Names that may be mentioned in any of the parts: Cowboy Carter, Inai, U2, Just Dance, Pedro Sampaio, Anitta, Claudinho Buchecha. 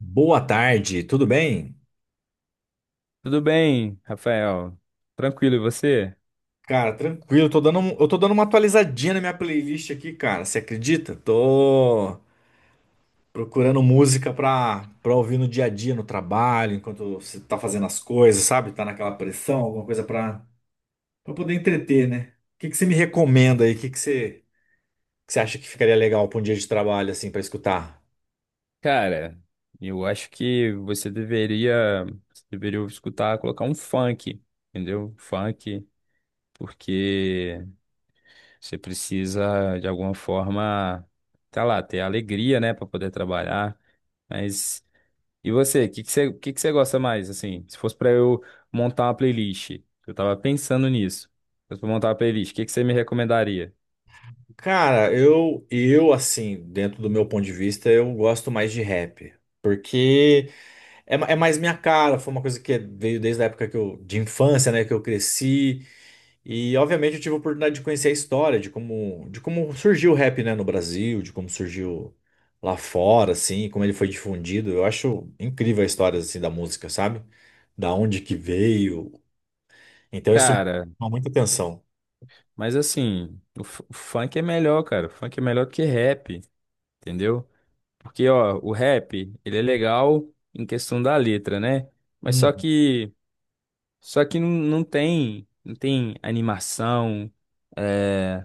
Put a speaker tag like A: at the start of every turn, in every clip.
A: Boa tarde, tudo bem?
B: Tudo bem, Rafael? Tranquilo, e você?
A: Cara, tranquilo, tô dando, eu tô dando uma atualizadinha na minha playlist aqui, cara. Você acredita? Tô procurando música pra ouvir no dia a dia, no trabalho, enquanto você tá fazendo as coisas, sabe? Tá naquela pressão, alguma coisa pra poder entreter, né? O que que você me recomenda aí? O que que você acha que ficaria legal pra um dia de trabalho, assim, pra escutar?
B: Cara, eu acho que você deveria escutar, colocar um funk, entendeu? Funk, porque você precisa, de alguma forma, tá lá, ter alegria, né, pra poder trabalhar. Mas, e você? O que que você gosta mais, assim? Se fosse pra eu montar uma playlist, eu tava pensando nisso. Se fosse pra montar uma playlist, o que que você me recomendaria?
A: Cara, eu, assim, dentro do meu ponto de vista, eu gosto mais de rap. Porque é, é mais minha cara, foi uma coisa que veio desde a época que eu, de infância, né, que eu cresci. E obviamente eu tive a oportunidade de conhecer a história de como surgiu o rap, né, no Brasil, de como surgiu lá fora, assim, como ele foi difundido. Eu acho incrível a história assim da música, sabe? Da onde que veio. Então isso me
B: Cara,
A: chama muita atenção.
B: mas assim, o funk é melhor, cara. O funk é melhor do que rap, entendeu? Porque, ó, o rap, ele é legal em questão da letra, né? Mas só
A: Uhum.
B: que, só que não tem, não tem animação, é,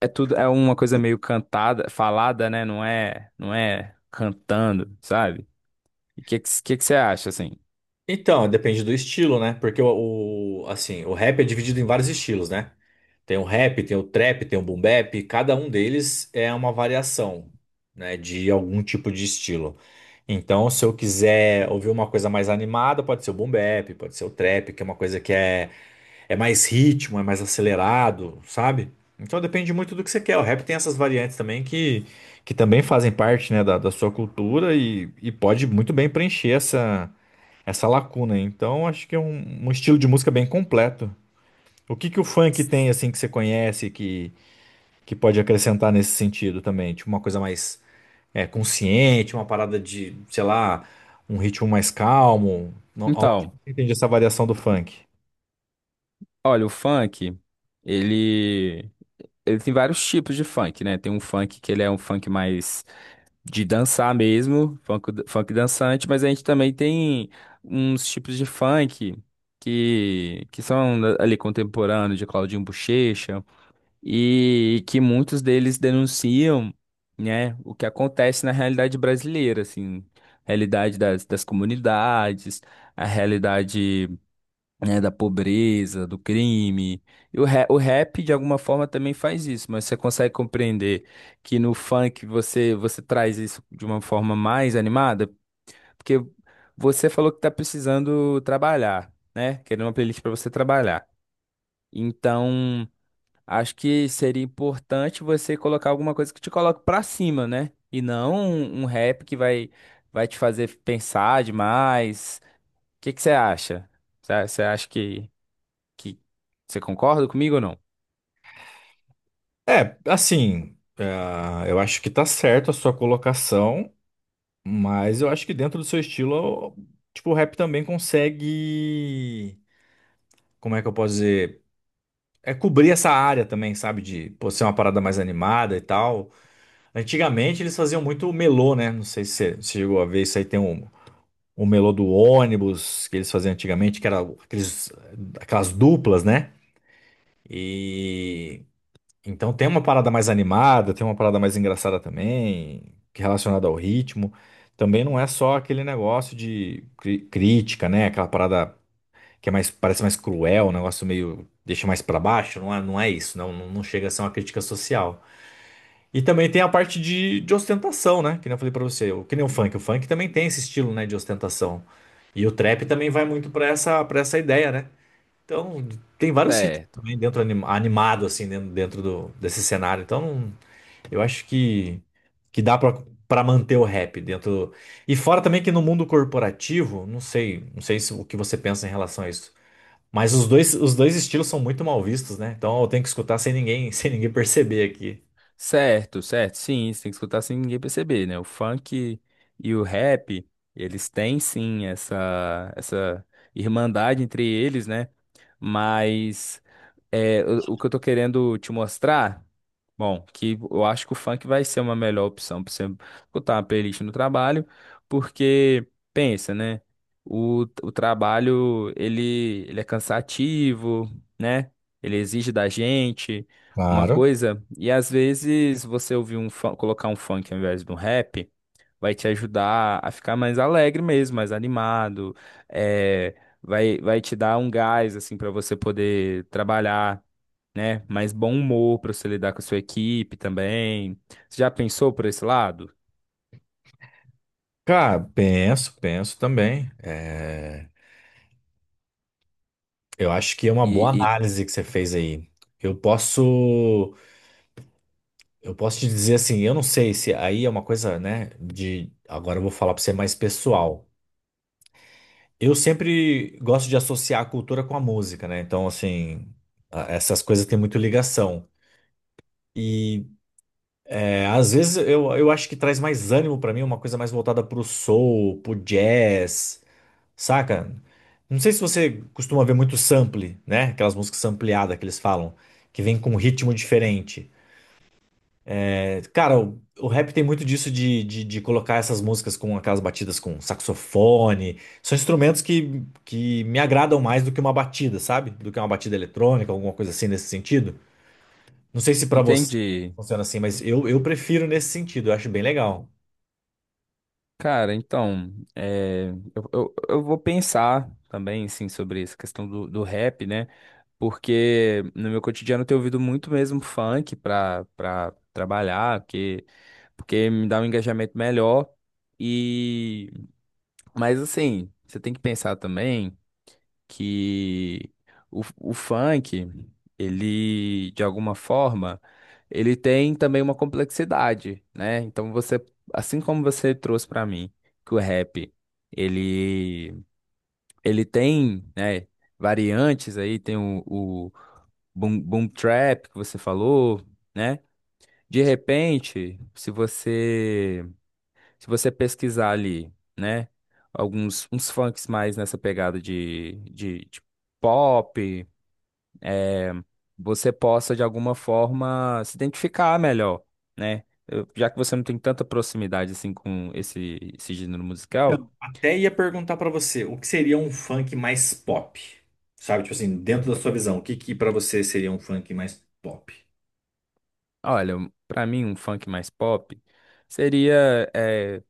B: é tudo, é uma coisa meio cantada, falada, né? Não é, não é cantando, sabe? E que você acha, assim?
A: Então, depende do estilo, né? Porque assim, o rap é dividido em vários estilos, né? Tem o rap, tem o trap, tem o boom bap, cada um deles é uma variação, né, de algum tipo de estilo. Então, se eu quiser ouvir uma coisa mais animada, pode ser o boom bap, pode ser o trap, que é uma coisa é mais ritmo, é mais acelerado, sabe? Então depende muito do que você quer. O rap tem essas variantes também que também fazem parte, né, da sua cultura e pode muito bem preencher essa lacuna. Então, acho que é um estilo de música bem completo. O que que o funk tem assim que você conhece que pode acrescentar nesse sentido também? Tipo uma coisa mais é, consciente, uma parada de, sei lá, um ritmo mais calmo. Aonde
B: Então,
A: você entende essa variação do funk?
B: olha, o funk, ele, ele tem vários tipos de funk, né? Tem um funk que ele é um funk mais de dançar mesmo, funk, funk dançante, mas a gente também tem uns tipos de funk que são ali contemporâneos de Claudinho Buchecha e que muitos deles denunciam, né, o que acontece na realidade brasileira, assim, realidade das comunidades, a realidade, né, da pobreza, do crime. E o rap, de alguma forma, também faz isso, mas você consegue compreender que no funk você traz isso de uma forma mais animada? Porque você falou que está precisando trabalhar, né? Querendo uma playlist para você trabalhar. Então, acho que seria importante você colocar alguma coisa que te coloque para cima, né? E não um rap que vai te fazer pensar demais. O que que você acha? Você acha que. Que... Você concorda comigo ou não?
A: É, assim, é, eu acho que tá certo a sua colocação, mas eu acho que dentro do seu estilo, tipo, o rap também consegue, como é que eu posso dizer? É, cobrir essa área também, sabe? De, pô, ser uma parada mais animada e tal. Antigamente eles faziam muito melô, né? Não sei se você se chegou a ver isso aí. Tem um melô do ônibus que eles faziam antigamente, que era aquelas duplas, né? E então tem uma parada mais animada, tem uma parada mais engraçada também, que é relacionada ao ritmo. Também não é só aquele negócio de crítica, né? Aquela parada que é mais, parece mais cruel, um negócio meio deixa mais pra baixo. Não é isso, não chega a ser uma crítica social. E também tem a parte de ostentação, né? Que nem eu falei pra você, que nem o funk. O funk também tem esse estilo, né, de ostentação. E o trap também vai muito para essa ideia, né? Então, tem vários ritmos
B: Certo.
A: também dentro animado assim dentro do, desse cenário. Então, eu acho que dá pra para manter o rap dentro. E fora também que no mundo corporativo, não sei, não sei se, o que você pensa em relação a isso. Mas os dois estilos são muito mal vistos, né? Então eu tenho que escutar sem ninguém, sem ninguém perceber aqui.
B: Certo, certo. Sim, você tem que escutar sem ninguém perceber, né? O funk e o rap, eles têm sim essa irmandade entre eles, né? Mas. É, o que eu tô querendo te mostrar, bom, que eu acho que o funk vai ser uma melhor opção pra você botar uma playlist no trabalho, porque pensa, né? O trabalho ele é cansativo, né? Ele exige da gente uma
A: Claro.
B: coisa, e às vezes você ouvir um colocar um funk ao invés de um rap vai te ajudar a ficar mais alegre mesmo, mais animado. É, vai te dar um gás assim para você poder trabalhar, né? Mais bom humor para você lidar com a sua equipe também. Você já pensou por esse lado?
A: Cara, penso, penso também. É, eu acho que é uma
B: E,
A: boa
B: e-
A: análise que você fez aí. Eu posso, eu posso te dizer assim, eu não sei se aí é uma coisa, né, de agora. Eu vou falar para você mais pessoal. Eu sempre gosto de associar a cultura com a música, né? Então, assim, essas coisas têm muito ligação. E é, às vezes eu acho que traz mais ânimo para mim, uma coisa mais voltada pro soul, pro jazz. Saca? Não sei se você costuma ver muito sample, né? Aquelas músicas sampleadas que eles falam, que vem com um ritmo diferente. É, cara, o rap tem muito disso de colocar essas músicas com aquelas batidas com saxofone. São instrumentos que me agradam mais do que uma batida, sabe? Do que uma batida eletrônica, alguma coisa assim nesse sentido. Não sei se pra você
B: entende?
A: funciona assim, mas eu prefiro nesse sentido, eu acho bem legal.
B: Cara, então, é, eu vou pensar também, assim, sobre essa questão do rap, né? Porque no meu cotidiano eu tenho ouvido muito mesmo funk pra trabalhar, que, porque me dá um engajamento melhor. E, mas assim, você tem que pensar também. Que o funk, ele, de alguma forma, ele tem também uma complexidade, né? Então você, assim como você trouxe para mim que o rap, ele, ele tem, né, variantes aí, tem o boom trap que você falou, né? De repente, se você pesquisar ali, né? Alguns uns funks mais nessa pegada de, de pop, eh, você possa de alguma forma se identificar melhor, né? Já que você não tem tanta proximidade assim com esse gênero musical,
A: Então, até ia perguntar pra você, o que seria um funk mais pop? Sabe, tipo assim, dentro da sua visão, o que que para você seria um funk mais pop?
B: olha, pra mim um funk mais pop seria eh,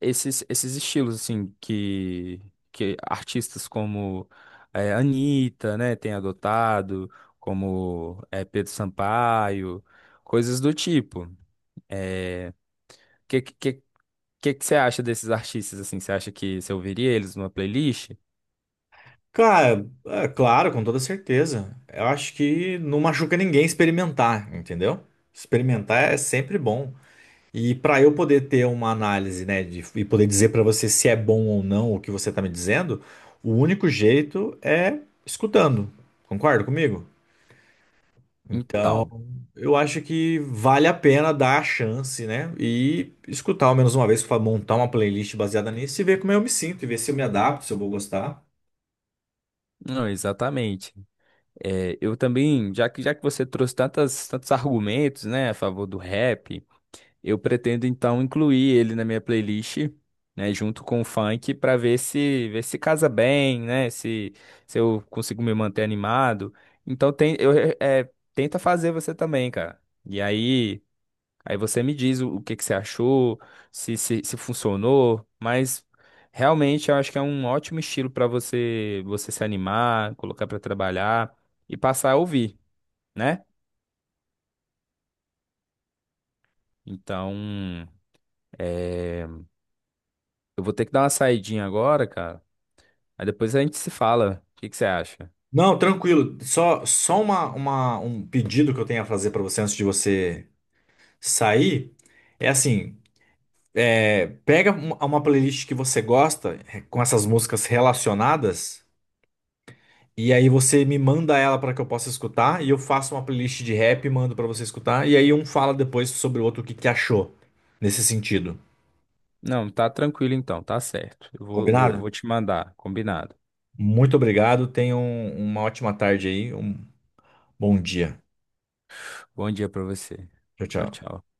B: esses estilos assim que artistas como eh, Anitta, né, tem adotado, como eh, Pedro Sampaio, coisas do tipo. Que, que, que você acha desses artistas assim? Você acha que você ouviria eles numa playlist?
A: Cara, é claro, com toda certeza. Eu acho que não machuca ninguém experimentar, entendeu? Experimentar é sempre bom. E para eu poder ter uma análise, né, e poder dizer para você se é bom ou não o que você tá me dizendo, o único jeito é escutando. Concorda comigo?
B: Então,
A: Eu acho que vale a pena dar a chance, né? E escutar ao menos uma vez, montar uma playlist baseada nisso e ver como eu me sinto, e ver se eu me adapto, se eu vou gostar.
B: não, exatamente. É, eu também, já que você trouxe tantos argumentos, né, a favor do rap. Eu pretendo então incluir ele na minha playlist, né, junto com o funk para ver se casa bem, né, se eu consigo me manter animado. Então tem eu tenta fazer você também, cara. E aí você me diz o que que você achou, se se funcionou, mas realmente eu acho que é um ótimo estilo para você se animar, colocar para trabalhar e passar a ouvir, né? Então, eh, eu vou ter que dar uma saidinha agora, cara. Aí depois a gente se fala. O que que você acha?
A: Não, tranquilo. Só, um pedido que eu tenho a fazer pra você antes de você sair é assim: é, pega uma playlist que você gosta, eh, com essas músicas relacionadas. E aí você me manda ela para que eu possa escutar, e eu faço uma playlist de rap e mando para você escutar, e aí um fala depois sobre o outro o que que achou nesse sentido.
B: Não, tá tranquilo então, tá certo. Eu
A: Combinado?
B: vou te mandar, combinado.
A: Muito obrigado, tenham uma ótima tarde aí, um bom dia.
B: Bom dia pra você.
A: Tchau,
B: Tchau,
A: tchau.
B: tchau.